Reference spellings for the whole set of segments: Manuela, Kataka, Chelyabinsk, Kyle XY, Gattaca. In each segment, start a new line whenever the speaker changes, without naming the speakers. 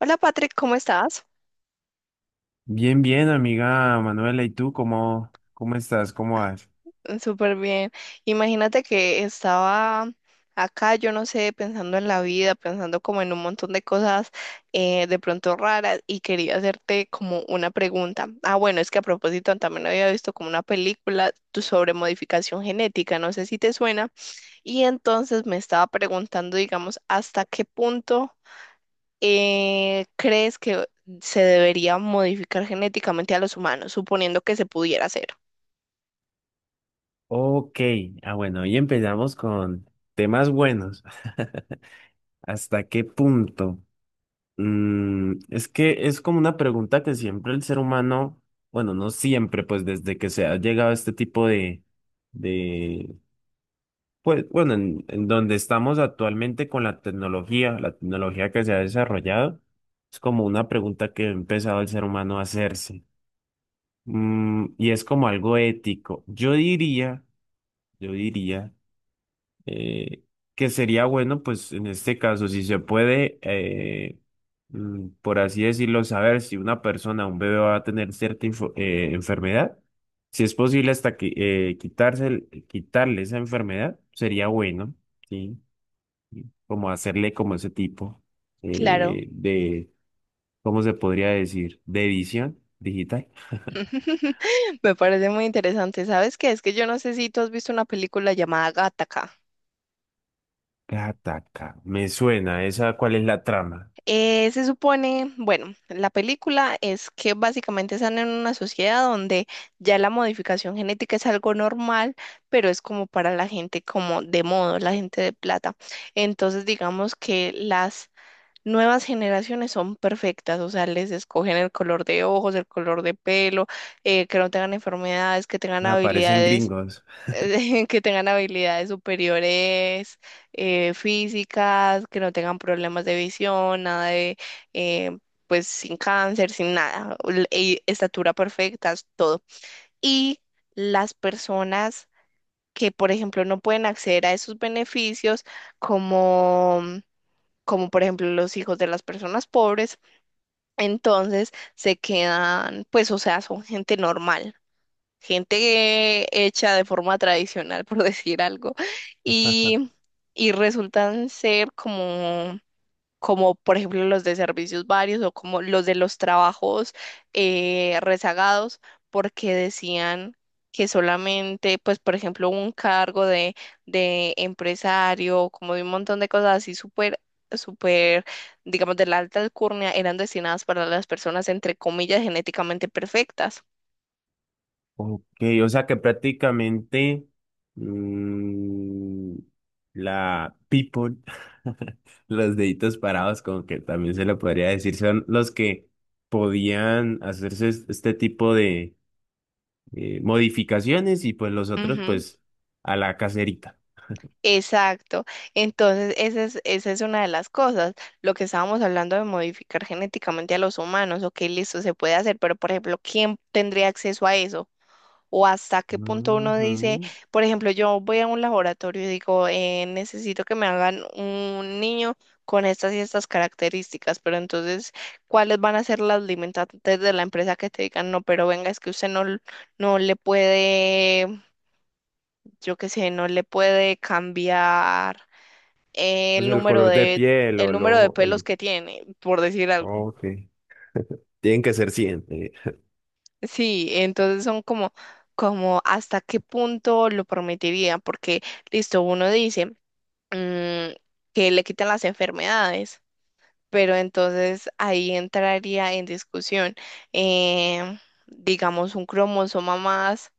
Hola Patrick, ¿cómo estás?
Bien, bien, amiga Manuela, ¿y tú cómo estás? ¿Cómo vas?
Súper bien. Imagínate que estaba acá, yo no sé, pensando en la vida, pensando como en un montón de cosas de pronto raras y quería hacerte como una pregunta. Ah, bueno, es que a propósito también había visto como una película sobre modificación genética, no sé si te suena. Y entonces me estaba preguntando, digamos, ¿hasta qué punto crees que se debería modificar genéticamente a los humanos, suponiendo que se pudiera hacer?
Ok, ah bueno, hoy empezamos con temas buenos. ¿Hasta qué punto? Es que es como una pregunta que siempre el ser humano, bueno, no siempre, pues desde que se ha llegado a este tipo de, de, pues bueno, en donde estamos actualmente con la tecnología que se ha desarrollado, es como una pregunta que ha empezado el ser humano a hacerse. Y es como algo ético. Yo diría eh, que sería bueno, pues en este caso, si se puede, por así decirlo, saber si una persona, un bebé va a tener cierta enfermedad, si es posible hasta que quitarle esa enfermedad, sería bueno, ¿sí? Y como hacerle como ese tipo
Claro,
de, ¿cómo se podría decir? De edición digital.
me parece muy interesante. ¿Sabes qué? Es que yo no sé si tú has visto una película llamada Gattaca.
Kataka, me suena. ¿Esa cuál es la trama?
Se supone, bueno, la película es que básicamente están en una sociedad donde ya la modificación genética es algo normal, pero es como para la gente como de modo, la gente de plata. Entonces, digamos que las nuevas generaciones son perfectas, o sea, les escogen el color de ojos, el color de pelo, que no tengan enfermedades, que tengan
Aparecen
habilidades,
gringos.
que tengan habilidades superiores, físicas, que no tengan problemas de visión, nada de, eh, pues, sin cáncer, sin nada, y estatura perfecta, todo. Y las personas que, por ejemplo, no pueden acceder a esos beneficios, como como por ejemplo los hijos de las personas pobres, entonces se quedan, pues, o sea, son gente normal, gente hecha de forma tradicional, por decir algo, y, y resultan ser como como por ejemplo los de servicios varios o como los de los trabajos rezagados, porque decían que solamente, pues por ejemplo, un cargo de empresario, como de un montón de cosas así súper, súper, digamos, de la alta alcurnia, eran destinadas para las personas, entre comillas, genéticamente perfectas.
Ok, o sea que prácticamente mm, la people, los deditos parados, como que también se lo podría decir, son los que podían hacerse este tipo de modificaciones y pues los otros
Ujú.
pues a la caserita.
Exacto. Entonces, esa es una de las cosas, lo que estábamos hablando de modificar genéticamente a los humanos, ok, listo, se puede hacer, pero por ejemplo, ¿quién tendría acceso a eso? O hasta qué punto uno dice,
Ujú.
por ejemplo, yo voy a un laboratorio y digo, necesito que me hagan un niño con estas y estas características, pero entonces, ¿cuáles van a ser las limitantes de la empresa que te digan, no, pero venga, es que usted no, no le puede, yo qué sé, no le puede cambiar
Pues
el
el
número
color de
de,
piel
el
o
número de
lo.
pelos
El.
que tiene, por decir algo?
Ok. Tienen que ser 100.
Sí, entonces son como, como hasta qué punto lo permitiría, porque listo, uno dice mm, que le quitan las enfermedades, pero entonces ahí entraría en discusión, eh, digamos, un cromosoma más,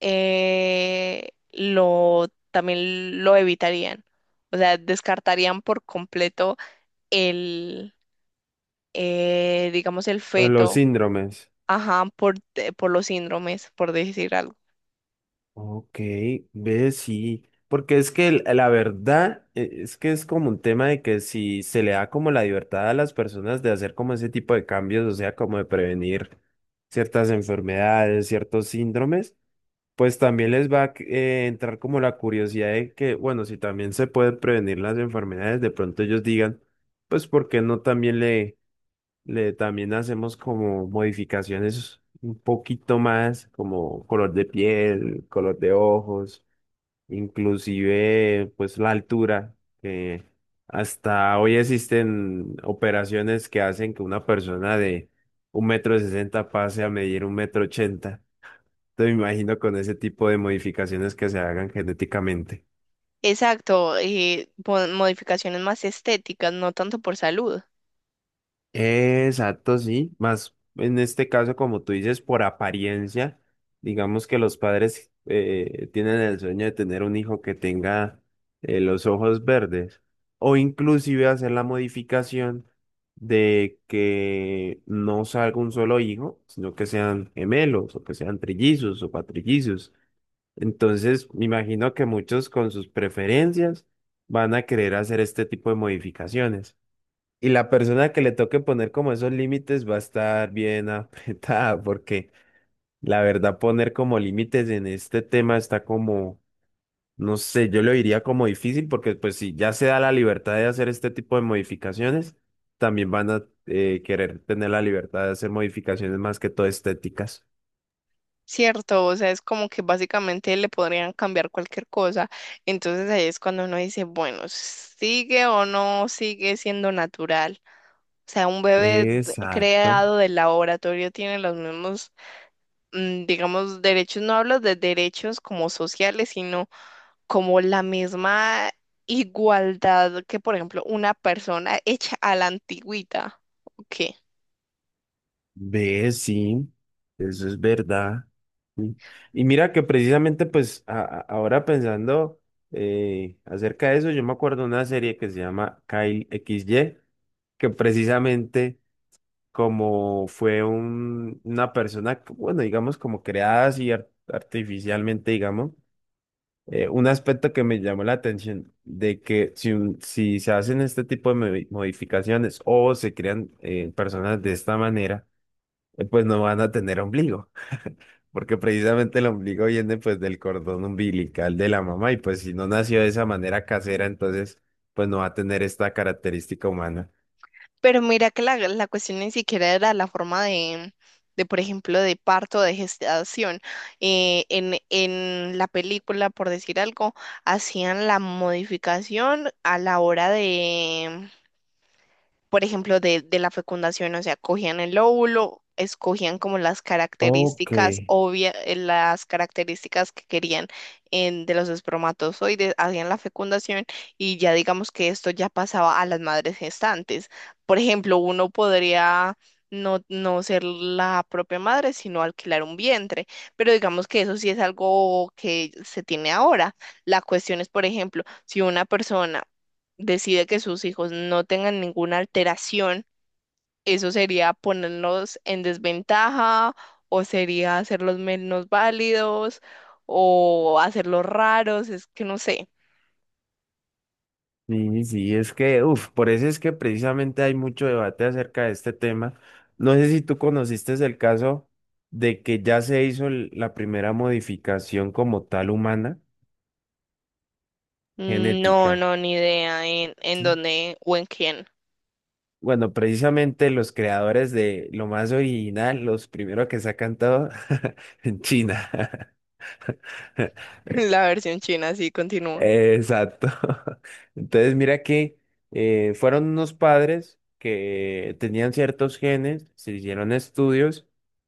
lo también lo evitarían. O sea, descartarían por completo digamos, el
A los
feto,
síndromes.
ajá, por los síndromes, por decir algo.
Ok, ve, sí. Porque es que la verdad es que es como un tema de que si se le da como la libertad a las personas de hacer como ese tipo de cambios, o sea, como de prevenir ciertas enfermedades, ciertos síndromes, pues también les va a entrar como la curiosidad de que, bueno, si también se pueden prevenir las enfermedades, de pronto ellos digan, pues, ¿por qué no también también hacemos como modificaciones un poquito más, como color de piel, color de ojos, inclusive pues la altura, que hasta hoy existen operaciones que hacen que una persona de 1,60 m pase a medir 1,80 m. Te imagino con ese tipo de modificaciones que se hagan genéticamente.
Exacto, y modificaciones más estéticas, no tanto por salud,
Exacto, sí. Más en este caso, como tú dices, por apariencia, digamos que los padres tienen el sueño de tener un hijo que tenga los ojos verdes o inclusive hacer la modificación de que no salga un solo hijo, sino que sean gemelos o que sean trillizos o patrillizos. Entonces, me imagino que muchos con sus preferencias van a querer hacer este tipo de modificaciones. Y la persona que le toque poner como esos límites va a estar bien apretada, porque la verdad poner como límites en este tema está como, no sé, yo lo diría como difícil, porque pues si ya se da la libertad de hacer este tipo de modificaciones, también van a querer tener la libertad de hacer modificaciones más que todo estéticas.
¿cierto? O sea, es como que básicamente le podrían cambiar cualquier cosa. Entonces ahí es cuando uno dice, bueno, ¿sigue o no sigue siendo natural? O sea, un bebé
Exacto.
creado del laboratorio tiene los mismos, digamos, derechos, no hablo de derechos como sociales, sino como la misma igualdad que, por ejemplo, una persona hecha a la antigüita. Ok.
Ve, sí, eso es verdad. Sí. Y mira que precisamente pues ahora pensando acerca de eso, yo me acuerdo de una serie que se llama Kyle XY, que precisamente como fue una persona, que, bueno, digamos como creada así artificialmente, digamos, un aspecto que me llamó la atención de que si, si se hacen este tipo de modificaciones o se crean personas de esta manera, pues no van a tener ombligo, porque precisamente el ombligo viene pues del cordón umbilical de la mamá y pues si no nació de esa manera casera, entonces pues no va a tener esta característica humana.
Pero mira que la cuestión ni siquiera era la forma por ejemplo, de parto, de gestación. En la película, por decir algo, hacían la modificación a la hora de por ejemplo, de la fecundación, o sea, cogían el óvulo, escogían como las
Ok,
características obvias, las características que querían de los espermatozoides, hacían la fecundación y ya digamos que esto ya pasaba a las madres gestantes. Por ejemplo, uno podría no ser la propia madre, sino alquilar un vientre, pero digamos que eso sí es algo que se tiene ahora. La cuestión es, por ejemplo, si una persona decide que sus hijos no tengan ninguna alteración, eso sería ponernos en desventaja o sería hacerlos menos válidos o hacerlos raros, es que no sé.
sí, sí, es que, uff, por eso es que precisamente hay mucho debate acerca de este tema. No sé si tú conociste el caso de que ya se hizo la primera modificación como tal humana
No,
genética.
no, ni idea en
¿Sí?
dónde o en quién.
Bueno, precisamente los creadores de lo más original, los primeros que sacan todo en China.
La versión china sí continúa.
Exacto. Entonces, mira que fueron unos padres que tenían ciertos genes, se hicieron estudios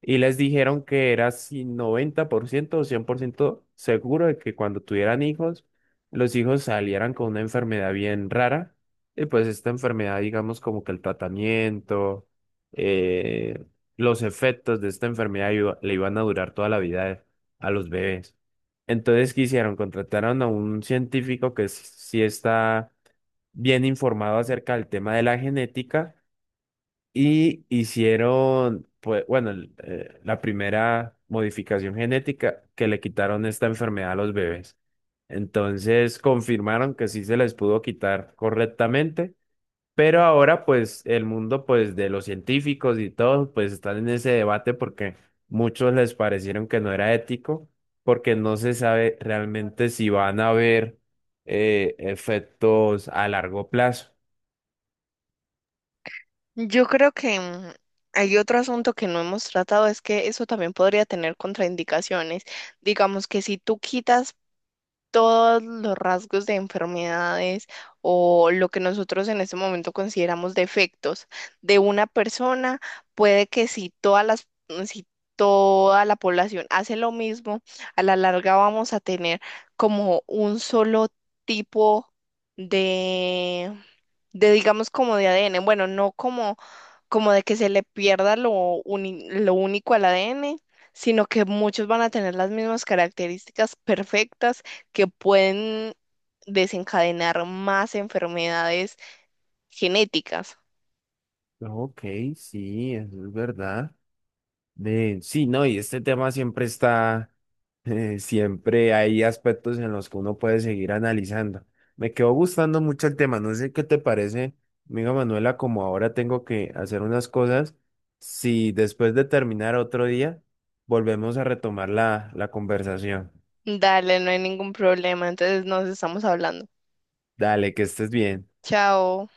y les dijeron que era si 90% o 100% seguro de que cuando tuvieran hijos, los hijos salieran con una enfermedad bien rara. Y pues esta enfermedad, digamos, como que el tratamiento, eh, los efectos de esta enfermedad le iban a durar toda la vida a los bebés. Entonces, ¿qué hicieron? Contrataron a un científico que sí está bien informado acerca del tema de la genética y hicieron, pues, bueno, la primera modificación genética que le quitaron esta enfermedad a los bebés. Entonces, confirmaron que sí se les pudo quitar correctamente pero ahora, pues, el mundo, pues, de los científicos y todos, pues, están en ese debate porque muchos les parecieron que no era ético, porque no se sabe realmente si van a haber efectos a largo plazo.
Yo creo que hay otro asunto que no hemos tratado, es que eso también podría tener contraindicaciones. Digamos que si tú quitas todos los rasgos de enfermedades o lo que nosotros en este momento consideramos defectos de una persona, puede que si todas si toda la población hace lo mismo, a la larga vamos a tener como un solo tipo de, de digamos como de ADN. Bueno, no como, como de que se le pierda lo, lo único al ADN sino que muchos van a tener las mismas características perfectas que pueden desencadenar más enfermedades genéticas.
Ok, sí, eso es verdad. Sí, no, y este tema siempre está, siempre hay aspectos en los que uno puede seguir analizando. Me quedó gustando mucho el tema, no sé qué te parece, amiga Manuela, como ahora tengo que hacer unas cosas, si después de terminar otro día, volvemos a retomar la conversación.
Dale, no hay ningún problema, entonces nos estamos hablando.
Dale, que estés bien.
Chao.